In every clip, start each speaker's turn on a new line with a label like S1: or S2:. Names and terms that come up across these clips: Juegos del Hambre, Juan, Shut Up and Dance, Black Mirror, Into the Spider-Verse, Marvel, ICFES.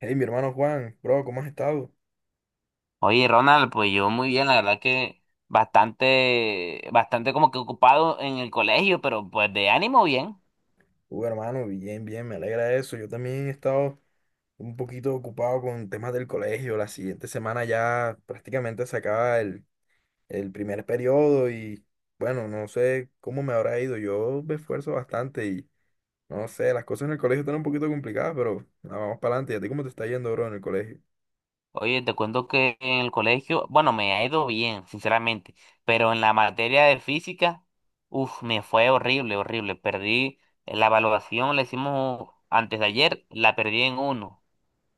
S1: Hey, mi hermano Juan, bro, ¿cómo has estado?
S2: Oye, Ronald, pues yo muy bien, la verdad que bastante, bastante como que ocupado en el colegio, pero pues de ánimo bien.
S1: Uy, hermano, bien, bien, me alegra eso. Yo también he estado un poquito ocupado con temas del colegio. La siguiente semana ya prácticamente se acaba el primer periodo y bueno, no sé cómo me habrá ido. Yo me esfuerzo bastante y no sé, las cosas en el colegio están un poquito complicadas, pero nada, vamos para adelante. ¿Y a ti cómo te está yendo, bro, en el colegio?
S2: Oye, te cuento que en el colegio, bueno, me ha ido bien, sinceramente, pero en la materia de física, uff, me fue horrible, horrible. Perdí la evaluación, la hicimos antes de ayer, la perdí en uno.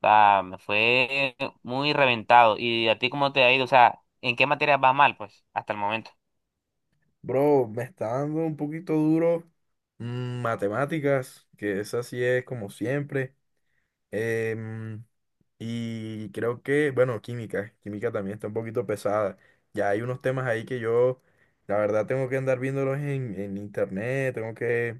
S2: O sea, me fue muy reventado. ¿Y a ti cómo te ha ido? O sea, ¿en qué materia vas mal, pues, hasta el momento?
S1: Bro, me está dando un poquito duro matemáticas, que esa sí es como siempre. Em, Y creo que, bueno, química, química también está un poquito pesada. Ya hay unos temas ahí que yo, la verdad, tengo que andar viéndolos en internet, tengo que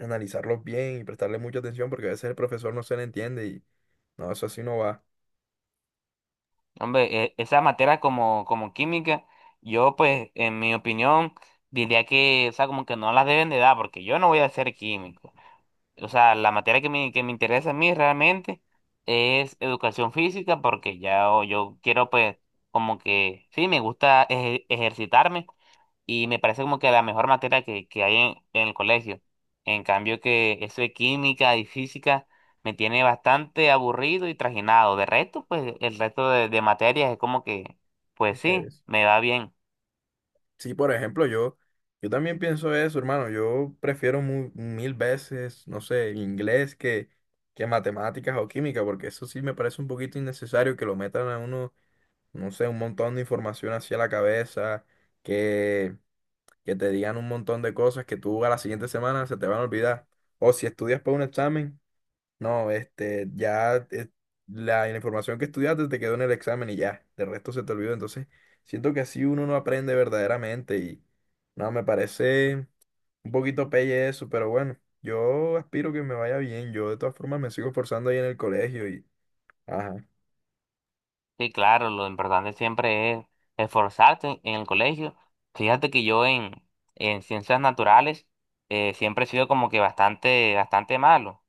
S1: analizarlos bien y prestarle mucha atención porque a veces el profesor no se le entiende y no, eso así no va.
S2: Hombre, esa materia como química, yo pues en mi opinión diría que, o sea, como que no las deben de dar porque yo no voy a ser químico. O sea, la materia que me interesa a mí realmente es educación física porque ya yo quiero pues como que, sí, me gusta ejercitarme, y me parece como que la mejor materia que hay en el colegio. En cambio que eso de química y física me tiene bastante aburrido y trajinado. De resto, pues el resto de materias es como que, pues sí,
S1: Debes.
S2: me va bien.
S1: Sí, por ejemplo, yo también pienso eso, hermano. Yo prefiero mil veces, no sé, inglés que matemáticas o química, porque eso sí me parece un poquito innecesario que lo metan a uno no sé, un montón de información hacia la cabeza, que, que te digan un montón de cosas que tú a la siguiente semana se te van a olvidar. O si estudias para un examen, no, este, ya la información que estudiaste te quedó en el examen y ya, de resto se te olvidó. Entonces, siento que así uno no aprende verdaderamente y no, me parece un poquito pelle eso, pero bueno, yo aspiro que me vaya bien. Yo de todas formas me sigo esforzando ahí en el colegio y... Ajá.
S2: Sí, claro, lo importante siempre es esforzarse en, el colegio. Fíjate que yo en ciencias naturales siempre he sido como que bastante, bastante malo.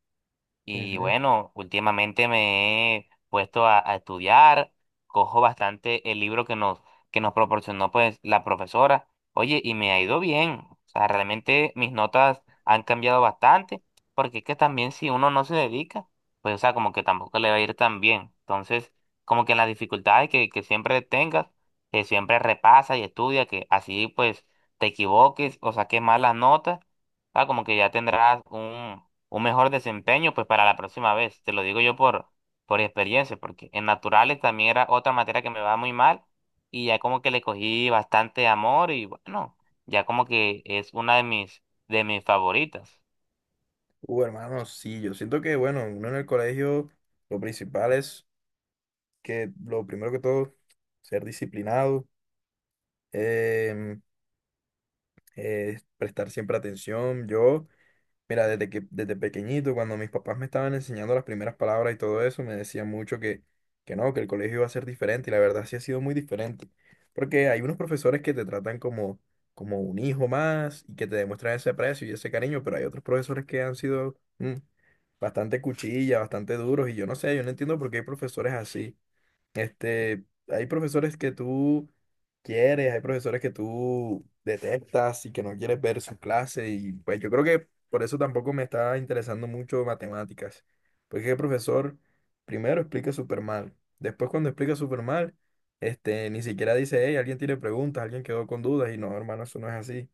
S2: Y
S1: Ujú.
S2: bueno, últimamente me he puesto a estudiar, cojo bastante el libro que nos proporcionó pues la profesora. Oye, y me ha ido bien. O sea, realmente mis notas han cambiado bastante, porque es que también si uno no se dedica, pues o sea, como que tampoco le va a ir tan bien. Entonces, como que en las dificultades que siempre tengas, que siempre repasa y estudia, que así pues te equivoques o saques malas notas, o sea, como que ya tendrás un mejor desempeño pues para la próxima vez. Te lo digo yo por experiencia, porque en naturales también era otra materia que me va muy mal y ya como que le cogí bastante amor y bueno, ya como que es una de mis favoritas.
S1: Hermano, sí, yo siento que, bueno, uno en el colegio, lo principal es que, lo primero que todo, ser disciplinado, em, prestar siempre atención. Yo, mira, desde que, desde pequeñito, cuando mis papás me estaban enseñando las primeras palabras y todo eso, me decían mucho que no, que el colegio iba a ser diferente, y la verdad sí ha sido muy diferente. Porque hay unos profesores que te tratan como, como un hijo más y que te demuestran ese aprecio y ese cariño, pero hay otros profesores que han sido bastante cuchilla, bastante duros, y yo no sé, yo no entiendo por qué hay profesores así. Este, hay profesores que tú quieres, hay profesores que tú detestas y que no quieres ver su clase y pues yo creo que por eso tampoco me está interesando mucho matemáticas, porque el profesor primero explica súper mal, después cuando explica súper mal, este, ni siquiera dice, hey, alguien tiene preguntas, alguien quedó con dudas y no, hermano, eso no es así.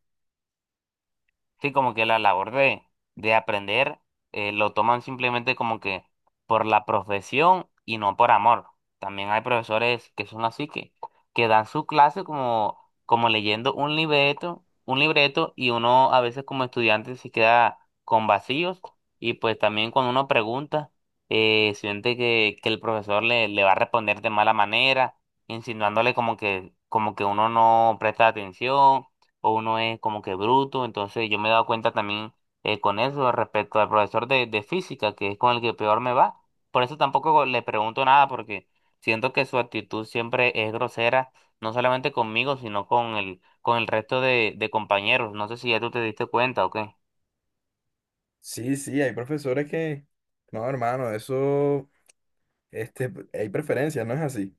S2: Sí, como que la labor de aprender lo toman simplemente como que por la profesión y no por amor. También hay profesores que son así que dan su clase como leyendo un libreto y uno a veces como estudiante se queda con vacíos y pues también cuando uno pregunta siente que el profesor le va a responder de mala manera, insinuándole como que uno no presta atención o uno es como que bruto. Entonces yo me he dado cuenta también con eso respecto al profesor de física, que es con el que peor me va. Por eso tampoco le pregunto nada, porque siento que su actitud siempre es grosera, no solamente conmigo, sino con el resto de compañeros. No sé si ya tú te diste cuenta o qué.
S1: Sí, sí, hay profesores que, no, hermano, eso, este, hay preferencias, no es así.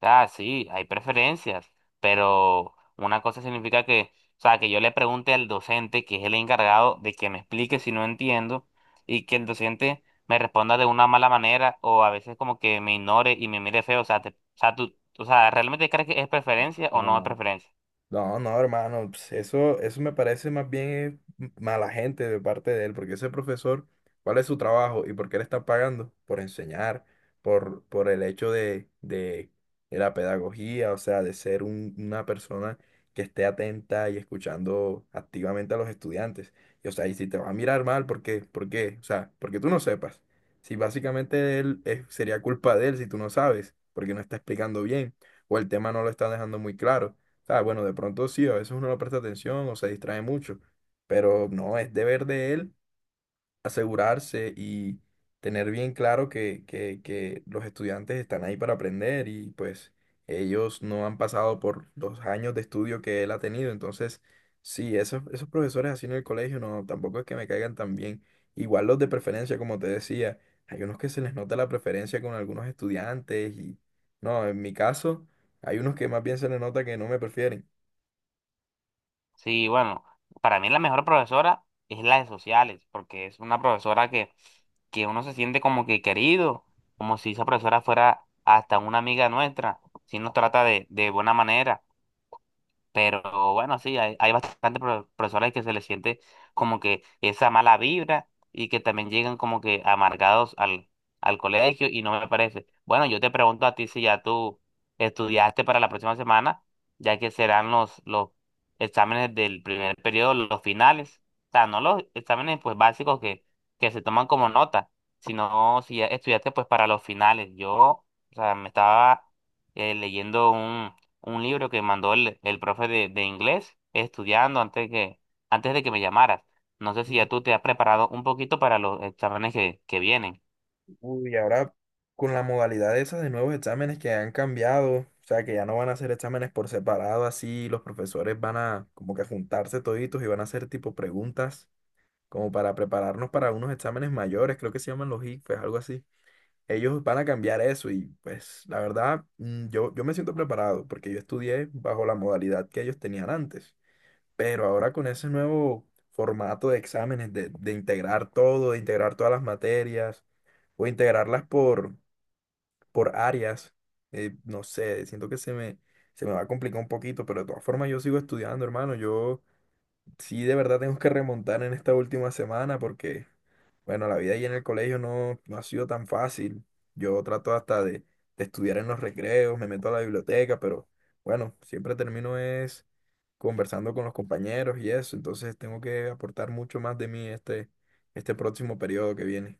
S2: Ah, sí, hay preferencias, pero una cosa significa que, o sea, que yo le pregunte al docente, que es el encargado, de que me explique si no entiendo, y que el docente me responda de una mala manera, o a veces como que me ignore y me mire feo, o sea, o sea, tú, o sea, ¿realmente crees que es preferencia o no es preferencia?
S1: No, no, hermano, pues, eso me parece más bien mala gente de parte de él, porque ese profesor, ¿cuál es su trabajo y por qué le está pagando? Por enseñar, por el hecho de la pedagogía, o sea, de ser una persona que esté atenta y escuchando activamente a los estudiantes. Y, o sea, y si te va a mirar mal, ¿por qué? ¿Por qué? O sea, porque tú no sepas. Si básicamente sería culpa de él si tú no sabes, porque no está explicando bien, o el tema no lo está dejando muy claro. Ah, bueno, de pronto sí, a veces uno no presta atención o se distrae mucho, pero no, es deber de él asegurarse y tener bien claro que los estudiantes están ahí para aprender y pues ellos no han pasado por los años de estudio que él ha tenido, entonces sí, esos profesores así en el colegio no, tampoco es que me caigan tan bien. Igual los de preferencia, como te decía, hay unos que se les nota la preferencia con algunos estudiantes y no, en mi caso hay unos que más bien se les nota que no me prefieren.
S2: Sí, bueno, para mí la mejor profesora es la de sociales, porque es una profesora que uno se siente como que querido, como si esa profesora fuera hasta una amiga nuestra, si nos trata de buena manera. Pero bueno, sí, hay bastantes profesores que se les siente como que esa mala vibra y que también llegan como que amargados al colegio y no me parece. Bueno, yo te pregunto a ti si ya tú estudiaste para la próxima semana, ya que serán los, exámenes del primer periodo, los finales. O sea, no los exámenes pues básicos que se toman como nota, sino si ya estudiaste pues para los finales. Yo, o sea, me estaba leyendo un libro que mandó el profe de inglés estudiando antes de que me llamaras. No sé si ya tú te has preparado un poquito para los exámenes que vienen.
S1: Uy, ahora con la modalidad esa de nuevos exámenes que han cambiado, o sea, que ya no van a hacer exámenes por separado, así los profesores van a como que juntarse toditos y van a hacer tipo preguntas como para prepararnos para unos exámenes mayores, creo que se llaman los ICFES, algo así. Ellos van a cambiar eso y pues la verdad yo, yo me siento preparado porque yo estudié bajo la modalidad que ellos tenían antes, pero ahora con ese nuevo formato de exámenes, de integrar todo, de integrar todas las materias o integrarlas por áreas. Eh, no sé, siento que se me va a complicar un poquito, pero de todas formas yo sigo estudiando, hermano. Yo sí de verdad tengo que remontar en esta última semana porque, bueno, la vida ahí en el colegio no, no ha sido tan fácil. Yo trato hasta de estudiar en los recreos, me meto a la biblioteca, pero bueno, siempre termino es conversando con los compañeros y eso, entonces tengo que aportar mucho más de mí este, este próximo periodo que viene.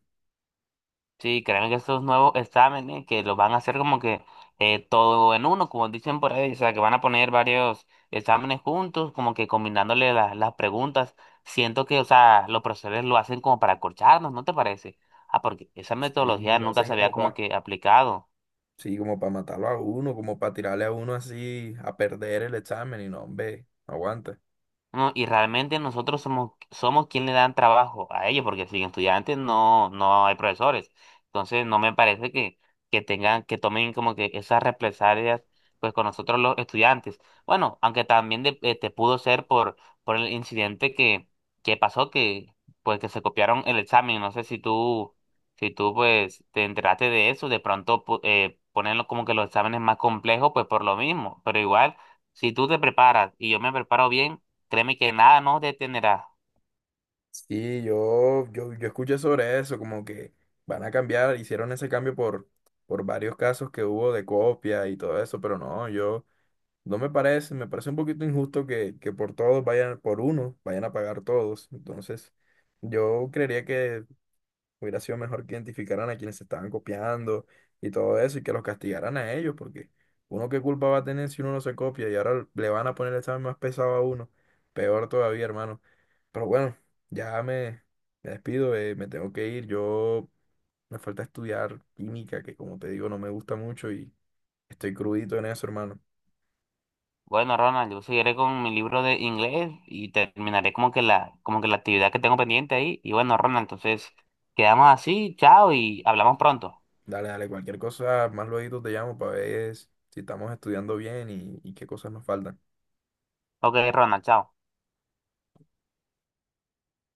S2: Sí, créeme que estos nuevos exámenes que los van a hacer como que todo en uno, como dicen por ahí, o sea, que van a poner varios exámenes juntos, como que combinándole las preguntas. Siento que, o sea, los profesores lo hacen como para acorcharnos, ¿no te parece? Ah, porque esa
S1: Sí,
S2: metodología
S1: lo
S2: nunca se
S1: hacen
S2: había
S1: como
S2: como
S1: para
S2: que aplicado.
S1: sí, como para matarlo a uno, como para tirarle a uno así a perder el examen y no, hombre, no aguanta.
S2: No, y realmente nosotros somos quien le dan trabajo a ellos, porque sin estudiantes no hay profesores. Entonces no me parece que que tomen como que esas represalias pues con nosotros los estudiantes. Bueno, aunque también te pudo ser por el incidente que pasó, que pues que se copiaron el examen. No sé si tú pues te enteraste de eso, de pronto ponerlo como que los exámenes más complejos, pues por lo mismo. Pero igual, si tú te preparas y yo me preparo bien. Créeme que nada nos detendrá.
S1: Sí, yo escuché sobre eso, como que van a cambiar, hicieron ese cambio por varios casos que hubo de copia y todo eso, pero no, yo no me parece, me parece un poquito injusto que por todos vayan, por uno, vayan a pagar todos. Entonces, yo creería que hubiera sido mejor que identificaran a quienes se estaban copiando y todo eso y que los castigaran a ellos, porque uno qué culpa va a tener si uno no se copia y ahora le van a poner el examen más pesado a uno. Peor todavía, hermano. Pero bueno, ya me despido, me tengo que ir. Yo me falta estudiar química, que como te digo, no me gusta mucho y estoy crudito en eso, hermano.
S2: Bueno, Ronald, yo seguiré con mi libro de inglés y terminaré como que como que la actividad que tengo pendiente ahí. Y bueno, Ronald, entonces quedamos así, chao y hablamos pronto.
S1: Dale, dale, cualquier cosa, más luego te llamo para ver si estamos estudiando bien y qué cosas nos faltan.
S2: Ok, Ronald, chao.